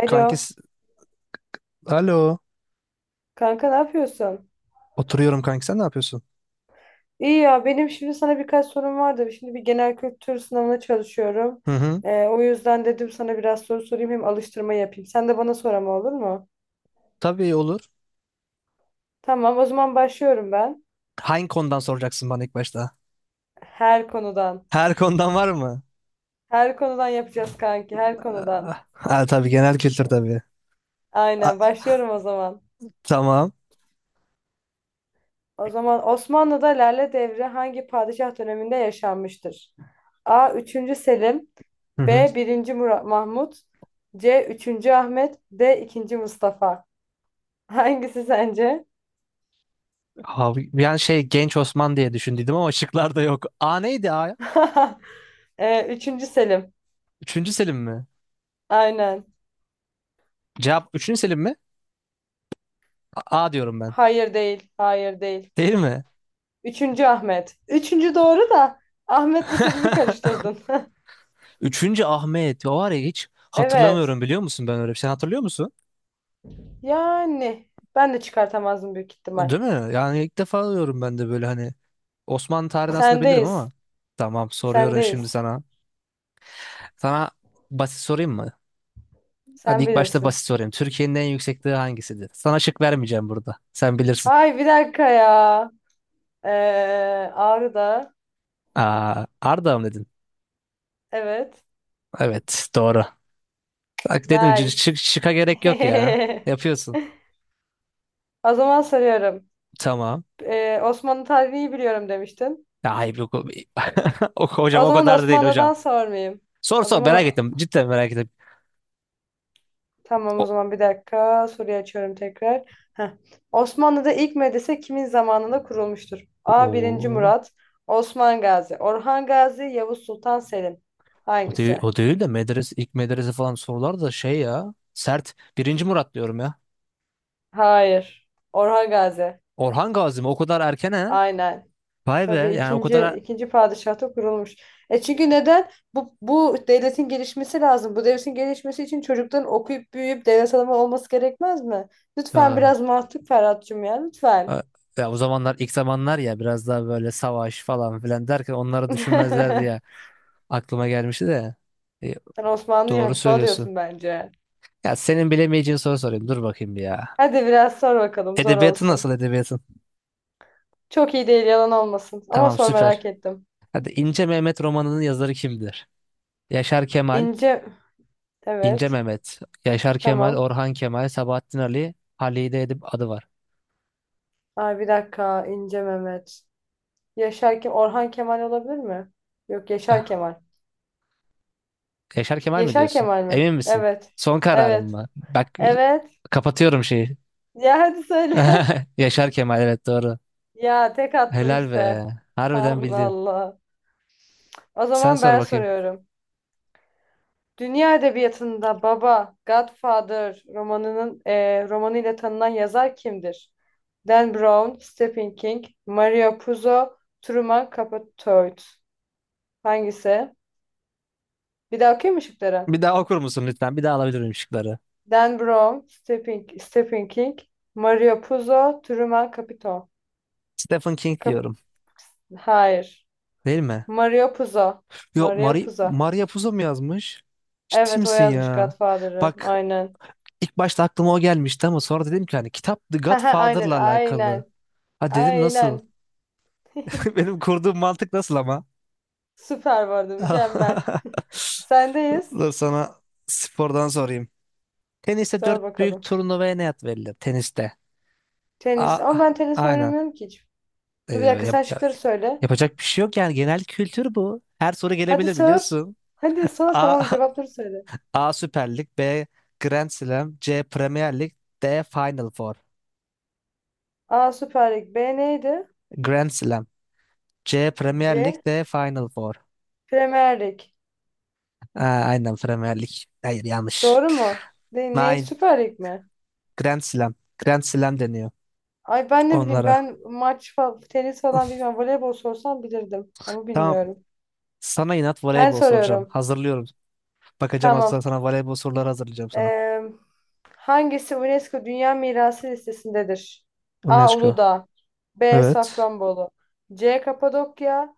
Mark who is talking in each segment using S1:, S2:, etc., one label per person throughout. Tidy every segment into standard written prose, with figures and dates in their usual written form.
S1: Alo,
S2: Kanki, alo.
S1: kanka ne yapıyorsun?
S2: Oturuyorum kanki, sen ne yapıyorsun?
S1: İyi ya, benim şimdi sana birkaç sorum vardı. Şimdi bir genel kültür sınavına çalışıyorum.
S2: Hı hı.
S1: O yüzden dedim sana biraz soru sorayım hem alıştırma yapayım. Sen de bana sor ama olur mu?
S2: Tabii olur.
S1: Tamam, o zaman başlıyorum ben.
S2: Hangi konudan soracaksın bana ilk başta?
S1: Her konudan.
S2: Her konudan var mı?
S1: Her konudan yapacağız kanki, her konudan.
S2: Ah, ha, tabii genel kültür tabii.
S1: Aynen,
S2: A-
S1: başlıyorum o zaman.
S2: tamam.
S1: O zaman Osmanlı'da Lale Devri hangi padişah döneminde yaşanmıştır? A. 3. Selim,
S2: Hı hı.
S1: B. 1. Murat Mahmut, C. 3. Ahmet, D. 2. Mustafa. Hangisi sence?
S2: Abi, yani şey Genç Osman diye düşündüydüm ama şıklarda yok. A neydi, A?
S1: 3. Selim.
S2: Üçüncü Selim mi?
S1: Aynen.
S2: Cevap üçüncü Selim mi? A, A diyorum ben.
S1: Hayır değil. Hayır değil.
S2: Değil mi?
S1: 3. Ahmet. 3. doğru da Ahmet'le Selim'i karıştırdın.
S2: Üçüncü Ahmet. O var ya, hiç
S1: Evet.
S2: hatırlamıyorum, biliyor musun ben öyle bir şey. Sen hatırlıyor musun?
S1: Yani ben de çıkartamazdım büyük ihtimal.
S2: Değil mi? Yani ilk defa diyorum ben de böyle hani. Osmanlı tarihini aslında bilirim
S1: Sendeyiz.
S2: ama. Tamam, soruyorum şimdi
S1: Sendeyiz.
S2: sana. Sana basit sorayım mı? Hadi
S1: Sen
S2: ilk başta
S1: bilirsin.
S2: basit sorayım. Türkiye'nin en yüksek dağı hangisidir? Sana şık vermeyeceğim burada. Sen bilirsin.
S1: Ay bir dakika ya. Ee, Ağrı'da.
S2: Aa, Ardahan mı dedin?
S1: Evet.
S2: Evet, doğru. Bak dedim,
S1: Nice.
S2: şıka gerek yok ya. Yapıyorsun.
S1: O zaman soruyorum.
S2: Tamam.
S1: Osmanlı tarihini iyi biliyorum demiştin.
S2: Ya hayır, yok. Hocam,
S1: O
S2: o
S1: zaman
S2: kadar da değil
S1: Osmanlı'dan
S2: hocam.
S1: sormayayım.
S2: Sor
S1: O
S2: sor, merak
S1: zaman
S2: ettim. Cidden merak ettim.
S1: tamam o
S2: O,
S1: zaman bir dakika. Soruyu açıyorum tekrar. Heh. Osmanlı'da ilk medrese kimin zamanında kurulmuştur? A. Birinci
S2: o,
S1: Murat, Osman Gazi, Orhan Gazi, Yavuz Sultan Selim.
S2: o değil,
S1: Hangisi?
S2: o değil de medrese, ilk medrese falan sorular da şey ya. Sert. Birinci Murat diyorum ya.
S1: Hayır. Orhan Gazi.
S2: Orhan Gazi mi? O kadar erken ha?
S1: Aynen.
S2: Vay be.
S1: Tabii
S2: Yani o
S1: ikinci
S2: kadar
S1: ikinci padişahta kurulmuş. E çünkü neden? Bu devletin gelişmesi lazım. Bu devletin gelişmesi için çocukların okuyup büyüyüp devlet adamı olması gerekmez mi? Lütfen
S2: ya,
S1: biraz mantık Ferhat'cığım ya lütfen.
S2: ya ya o zamanlar, ilk zamanlar ya, biraz daha böyle savaş falan filan derken onları düşünmezler diye aklıma gelmişti de. E,
S1: Sen Osmanlı'yı
S2: doğru
S1: hafife
S2: söylüyorsun.
S1: alıyorsun bence.
S2: Ya senin bilemeyeceğin soru sorayım. Dur bakayım bir ya.
S1: Hadi biraz sor bakalım zor
S2: Edebiyatı
S1: olsun.
S2: nasıl edebiyatın?
S1: Çok iyi değil yalan olmasın. Ama
S2: Tamam,
S1: sor merak
S2: süper.
S1: ettim.
S2: Hadi İnce Mehmet romanının yazarı kimdir? Yaşar Kemal,
S1: İnce
S2: İnce
S1: evet
S2: Mehmet, Yaşar Kemal,
S1: tamam.
S2: Orhan Kemal, Sabahattin Ali, Halide Edip adı var.
S1: Ay bir dakika İnce Mehmet. Orhan Kemal olabilir mi? Yok Yaşar Kemal.
S2: Yaşar Kemal mi
S1: Yaşar
S2: diyorsun?
S1: Kemal mi?
S2: Emin misin?
S1: Evet.
S2: Son kararım
S1: Evet.
S2: mı? Bak,
S1: Evet.
S2: kapatıyorum şeyi.
S1: Ya hadi söyle.
S2: Yaşar Kemal, evet, doğru.
S1: Ya tek attım
S2: Helal
S1: işte.
S2: be. Harbiden
S1: Allah
S2: bildin.
S1: Allah. O
S2: Sen
S1: zaman
S2: sor
S1: ben
S2: bakayım.
S1: soruyorum. Dünya edebiyatında Baba, Godfather romanı ile tanınan yazar kimdir? Dan Brown, Stephen King, Mario Puzo, Truman Capote. Hangisi? Bir daha okuyayım mı şıkları?
S2: Bir daha okur musun lütfen? Bir daha alabilir miyim şıkları?
S1: Dan Brown, Stephen King, Mario Puzo, Truman Capote.
S2: Stephen King
S1: Cap-
S2: diyorum.
S1: Hayır.
S2: Değil mi?
S1: Mario Puzo.
S2: Yok,
S1: Mario
S2: Mari
S1: Puzo.
S2: Maria Puzo mu yazmış? Ciddi
S1: Evet o
S2: misin
S1: yazmış
S2: ya?
S1: Godfather'ı.
S2: Bak,
S1: Aynen.
S2: ilk başta aklıma o gelmişti ama sonra dedim ki hani kitap The
S1: Haha, aynen
S2: Godfather'la alakalı.
S1: aynen.
S2: Ha, dedim nasıl?
S1: Aynen.
S2: Benim kurduğum mantık nasıl ama?
S1: Süper vardı mükemmel. Sendeyiz.
S2: Dur, sana spordan sorayım. Teniste
S1: Sor
S2: dört büyük
S1: bakalım.
S2: turnuvaya ne ad verilir? Teniste.
S1: Tenis.
S2: A,
S1: Ama ben tenis
S2: aynen.
S1: oynamıyorum ki hiç.
S2: Ee,
S1: Dur bir dakika sen
S2: yap- ya-
S1: şıkları söyle.
S2: yapacak bir şey yok yani, genel kültür bu. Her soru
S1: Hadi
S2: gelebilir
S1: sor.
S2: biliyorsun.
S1: Hadi sor
S2: A,
S1: tamam cevapları söyle.
S2: A Süper Lig, B Grand Slam, C Premier Lig, D Final Four.
S1: A Süper Lig. B neydi?
S2: Grand Slam, C Premier Lig,
S1: C
S2: D Final Four.
S1: Premier Lig.
S2: Aa, aynen Premier Lig. Hayır, yanlış.
S1: Doğru mu? Ne
S2: Nine
S1: Süper Lig mi?
S2: Grand Slam. Grand Slam deniyor
S1: Ay ben ne bileyim
S2: onlara.
S1: ben maç falan, tenis falan bilmem. Voleybol sorsam bilirdim ama
S2: Tamam.
S1: bilmiyorum.
S2: Sana inat
S1: Ben
S2: voleybol soracağım.
S1: soruyorum.
S2: Hazırlıyorum. Bakacağım hatta,
S1: Tamam.
S2: sana voleybol soruları hazırlayacağım sana.
S1: Ee, hangisi UNESCO Dünya Mirası listesindedir? A.
S2: UNESCO.
S1: Uludağ, B.
S2: Evet.
S1: Safranbolu, C. Kapadokya,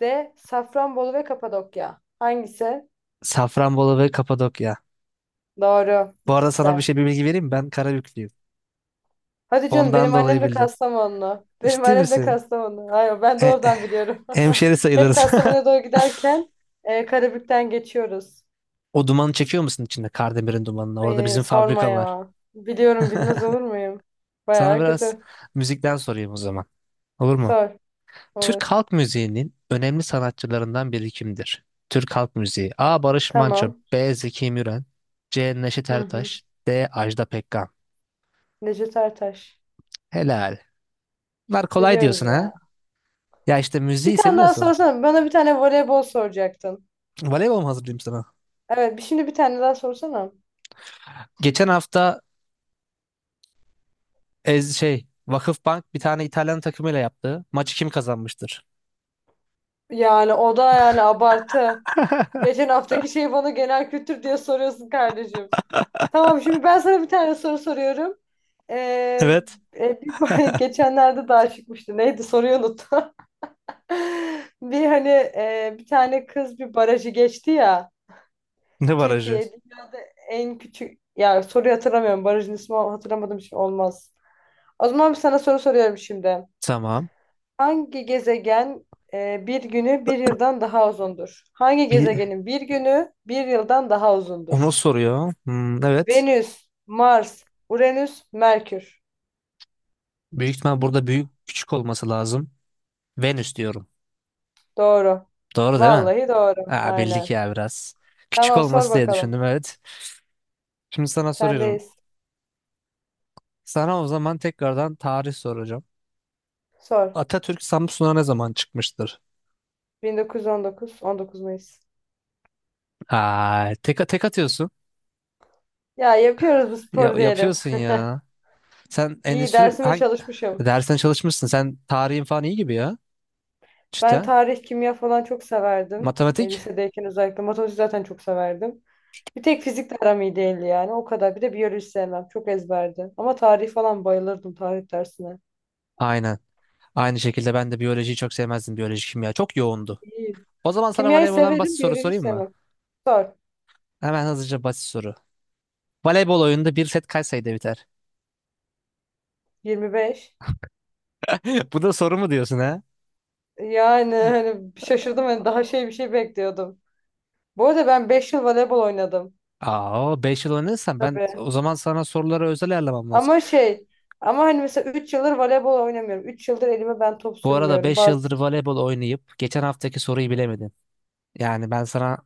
S1: D. Safranbolu ve Kapadokya. Hangisi?
S2: Safranbolu ve Kapadokya.
S1: Doğru.
S2: Bu arada
S1: İkisi
S2: sana bir
S1: de.
S2: şey, bir bilgi vereyim mi? Ben Karabüklüyüm.
S1: Hadi canım
S2: Ondan
S1: benim annem
S2: dolayı
S1: de
S2: bildin.
S1: Kastamonlu. Benim
S2: Ciddi
S1: annem de
S2: misin?
S1: Kastamonu. Hayır ben de
S2: E,
S1: oradan biliyorum.
S2: Hemşeri
S1: Hep
S2: sayılırız.
S1: Kastamonu'ya doğru giderken Karabük'ten geçiyoruz.
S2: O dumanı çekiyor musun içinde? Kardemir'in dumanını. Orada
S1: Ay,
S2: bizim
S1: sorma
S2: fabrika var.
S1: ya. Biliyorum bilmez olur muyum?
S2: Sana
S1: Baya
S2: biraz
S1: kötü.
S2: müzikten sorayım o zaman. Olur mu?
S1: Sor. Olur.
S2: Türk halk müziğinin önemli sanatçılarından biri kimdir? Türk halk müziği. A. Barış Manço.
S1: Tamam.
S2: B. Zeki Müren. C. Neşet
S1: Hı hı.
S2: Ertaş. D. Ajda Pekkan.
S1: Necdet Ertaş.
S2: Helal. Bunlar kolay
S1: Biliyoruz
S2: diyorsun ha?
S1: ya.
S2: Ya işte
S1: Bir
S2: müziği
S1: tane daha
S2: seviyorsun.
S1: sorsana. Bana bir tane voleybol soracaktın.
S2: Voleybol mu hazırlayayım sana?
S1: Evet şimdi bir tane daha sorsana.
S2: Geçen hafta Ez şey Vakıfbank bir tane İtalyan takımıyla yaptı. Maçı kim kazanmıştır?
S1: Yani o da yani abartı. Geçen haftaki şeyi bana genel kültür diye soruyorsun kardeşim. Tamam şimdi ben sana bir tane soru soruyorum. Ee,
S2: Evet.
S1: geçenlerde daha çıkmıştı. Neydi soruyu unuttum. Bir hani bir tane kız bir barajı geçti ya.
S2: Ne barajı?
S1: Türkiye'de en küçük ya soruyu hatırlamıyorum. Barajın ismi hatırlamadım için olmaz. O zaman bir sana soru soruyorum şimdi.
S2: Tamam.
S1: Hangi gezegen bir günü bir yıldan daha uzundur? Hangi
S2: Bir
S1: gezegenin bir günü bir yıldan daha
S2: onu
S1: uzundur?
S2: soruyor. Hmm, evet.
S1: Venüs, Mars, Uranüs, Merkür.
S2: Büyük ihtimal burada büyük küçük olması lazım. Venüs diyorum.
S1: Doğru.
S2: Doğru değil mi?
S1: Vallahi doğru.
S2: Aa, bildik
S1: Aynen.
S2: ya biraz. Küçük
S1: Tamam sor
S2: olması diye
S1: bakalım.
S2: düşündüm, evet. Şimdi sana soruyorum.
S1: Sendeyiz.
S2: Sana o zaman tekrardan tarih soracağım.
S1: Sor.
S2: Atatürk Samsun'a ne zaman çıkmıştır?
S1: 1919, 19 Mayıs.
S2: Aa, tek, tek atıyorsun.
S1: Ya yapıyoruz bu
S2: Ya,
S1: spor diyelim.
S2: yapıyorsun ya. Sen
S1: İyi
S2: endüstri
S1: dersime
S2: hangi
S1: çalışmışım.
S2: dersine çalışmışsın? Sen tarihin falan iyi gibi ya.
S1: Ben
S2: Çıta.
S1: tarih, kimya falan çok severdim.
S2: Matematik?
S1: Lisedeyken özellikle matematik zaten çok severdim. Bir tek fizik de aram iyi değildi yani o kadar. Bir de biyoloji sevmem. Çok ezberdi. Ama tarih falan bayılırdım tarih dersine.
S2: Aynen. Aynı şekilde ben de biyolojiyi çok sevmezdim. Biyoloji, kimya çok yoğundu.
S1: İyi.
S2: O zaman sana
S1: Kimyayı
S2: voleyboldan basit
S1: severim,
S2: soru
S1: biyolojiyi
S2: sorayım mı?
S1: sevmem. Sor.
S2: Hemen hızlıca basit soru. Voleybol oyununda bir set kaç sayıda biter?
S1: 25.
S2: Bu da soru mu diyorsun ha?
S1: Yani hani şaşırdım hani daha şey bir şey bekliyordum. Bu arada ben 5 yıl voleybol oynadım.
S2: Aa, 5 yıl oynadıysan, ben
S1: Tabii.
S2: o zaman sana soruları özel ayarlamam lazım.
S1: Ama şey ama hani mesela 3 yıldır voleybol oynamıyorum. 3 yıldır elime ben top
S2: Bu arada
S1: sürmüyorum.
S2: 5 yıldır voleybol oynayıp geçen haftaki soruyu bilemedin. Yani ben sana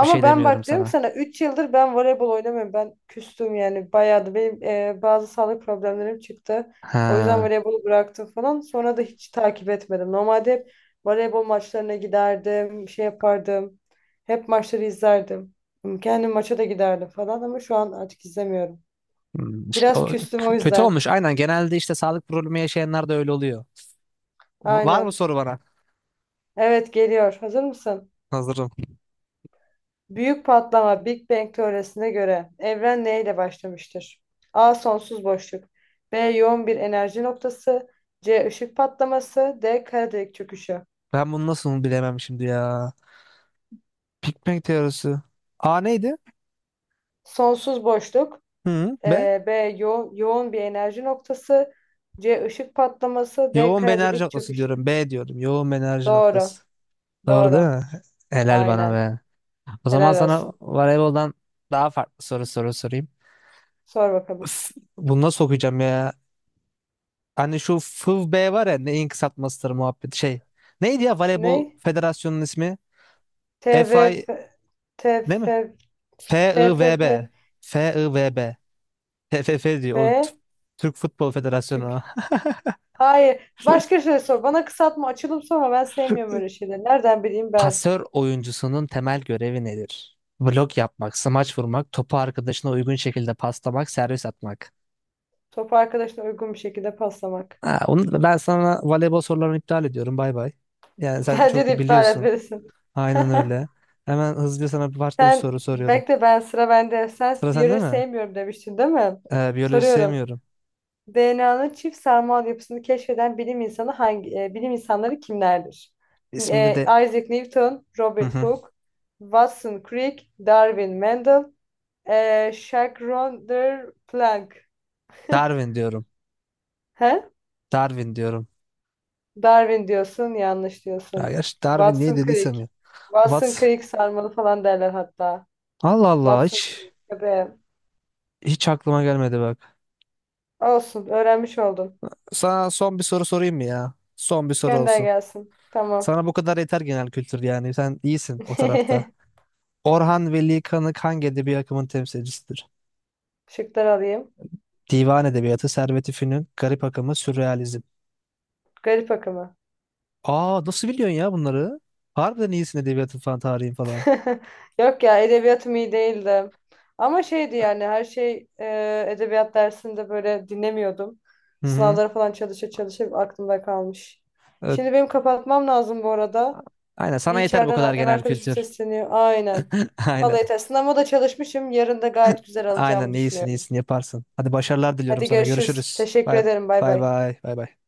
S2: bir şey
S1: ben
S2: demiyorum
S1: bak diyorum ki
S2: sana.
S1: sana 3 yıldır ben voleybol oynamıyorum. Ben küstüm yani bayağı da benim bazı sağlık problemlerim çıktı. O yüzden
S2: Ha.
S1: voleybolu bıraktım falan. Sonra da hiç takip etmedim. Normalde hep voleybol maçlarına giderdim, şey yapardım. Hep maçları izlerdim. Kendim maça da giderdim falan ama şu an artık izlemiyorum.
S2: Hmm, işte
S1: Biraz
S2: o
S1: küstüm o
S2: kötü
S1: yüzden.
S2: olmuş. Aynen, genelde işte sağlık problemi yaşayanlar da öyle oluyor. Var mı
S1: Aynen.
S2: soru bana?
S1: Evet geliyor. Hazır mısın?
S2: Hazırım.
S1: Büyük patlama Big Bang teorisine göre evren neyle başlamıştır? A. Sonsuz boşluk. B. Yoğun bir enerji noktası. C. Işık patlaması. D. Kara delik çöküşü.
S2: Ben bunu nasıl bilemem şimdi ya. Big Bang teorisi. A neydi?
S1: Sonsuz boşluk.
S2: Hı, B.
S1: B. Yoğun bir enerji noktası. C. Işık patlaması. D.
S2: Yoğun bir
S1: Kara
S2: enerji
S1: delik
S2: noktası
S1: çöküşü.
S2: diyorum. B diyorum. Yoğun bir enerji
S1: Doğru.
S2: noktası. Doğru değil
S1: Doğru.
S2: mi? Helal bana
S1: Aynen.
S2: be. O zaman
S1: Helal
S2: sana
S1: olsun.
S2: voleyboldan daha farklı soru soru sorayım.
S1: Sor bakalım.
S2: Üf, bunu nasıl okuyacağım ya? Hani şu FIVB var ya, neyin kısaltmasıdır muhabbet şey. Neydi ya voleybol
S1: Ne?
S2: federasyonunun ismi?
S1: T V
S2: FI
S1: F
S2: değil
S1: TFF
S2: mi?
S1: F. T F F
S2: FIVB. FIVB. TFF diyor. O
S1: F.
S2: Türk Futbol Federasyonu.
S1: Hayır. Başka şey sor. Bana kısaltma, açılım sorma. Ben sevmiyorum öyle şeyleri. Nereden bileyim ben?
S2: Pasör oyuncusunun temel görevi nedir? Blok yapmak, smaç vurmak, topu arkadaşına uygun şekilde paslamak, servis atmak.
S1: Topu arkadaşına uygun bir şekilde paslamak.
S2: Ha, onu ben sana voleybol sorularını iptal ediyorum. Bay bay. Yani sen
S1: Bence
S2: çok
S1: de
S2: iyi
S1: iptal
S2: biliyorsun.
S1: etmelisin.
S2: Aynen öyle. Hemen hızlıca sana bir başka bir
S1: Sen
S2: soru soruyorum.
S1: bekle ben sıra bende. Sen
S2: Sıra sende
S1: biyoloji
S2: mi?
S1: sevmiyorum demiştin değil mi?
S2: Biyoloji
S1: Soruyorum.
S2: sevmiyorum.
S1: DNA'nın çift sarmal yapısını keşfeden bilim insanı hangi bilim insanları kimlerdir?
S2: İsminde de.
S1: Isaac Newton,
S2: Hı
S1: Robert
S2: hı.
S1: Hooke, Watson Crick, Darwin Mendel, Jacques Ronder Planck.
S2: Darwin diyorum.
S1: He?
S2: Darwin diyorum.
S1: Darwin diyorsun, yanlış
S2: Ya
S1: diyorsun.
S2: gerçi Darwin niye
S1: Watson
S2: dediysem
S1: Crick.
S2: ya.
S1: Watson
S2: What?
S1: Crick sarmalı falan derler hatta.
S2: Allah Allah,
S1: Watson
S2: hiç
S1: Crick. Tabii.
S2: hiç aklıma gelmedi bak.
S1: Olsun, öğrenmiş oldum.
S2: Sana son bir soru sorayım mı ya? Son bir soru
S1: Gönder
S2: olsun.
S1: gelsin. Tamam.
S2: Sana bu kadar yeter genel kültür yani. Sen iyisin o tarafta. Orhan Veli Kanık hangi edebi akımın temsilcisidir?
S1: Şıklar alayım.
S2: Divan edebiyatı, Servet-i Fünun, garip akımı, sürrealizm.
S1: Garip akımı.
S2: Aa, nasıl biliyorsun ya bunları? Harbiden iyisin, edebiyatın falan, tarihin falan.
S1: Yok ya, edebiyatım iyi değildi. Ama şeydi yani her şey edebiyat dersinde böyle dinlemiyordum.
S2: Hı hı.
S1: Sınavlara falan çalışa çalışa aklımda kalmış.
S2: Evet.
S1: Şimdi benim kapatmam lazım bu arada.
S2: Aynen,
S1: Bir
S2: sana yeter bu kadar
S1: içeriden ev
S2: genel
S1: arkadaşım
S2: kültür.
S1: sesleniyor. Aynen. Vallahi
S2: Aynen.
S1: yeter. Sınavıma da çalışmışım. Yarın da gayet güzel
S2: Aynen,
S1: alacağımı
S2: iyisin
S1: düşünüyorum.
S2: iyisin, yaparsın. Hadi, başarılar diliyorum
S1: Hadi
S2: sana.
S1: görüşürüz.
S2: Görüşürüz.
S1: Teşekkür
S2: Bay
S1: ederim. Bay
S2: bay
S1: bay.
S2: bay bay. Bay.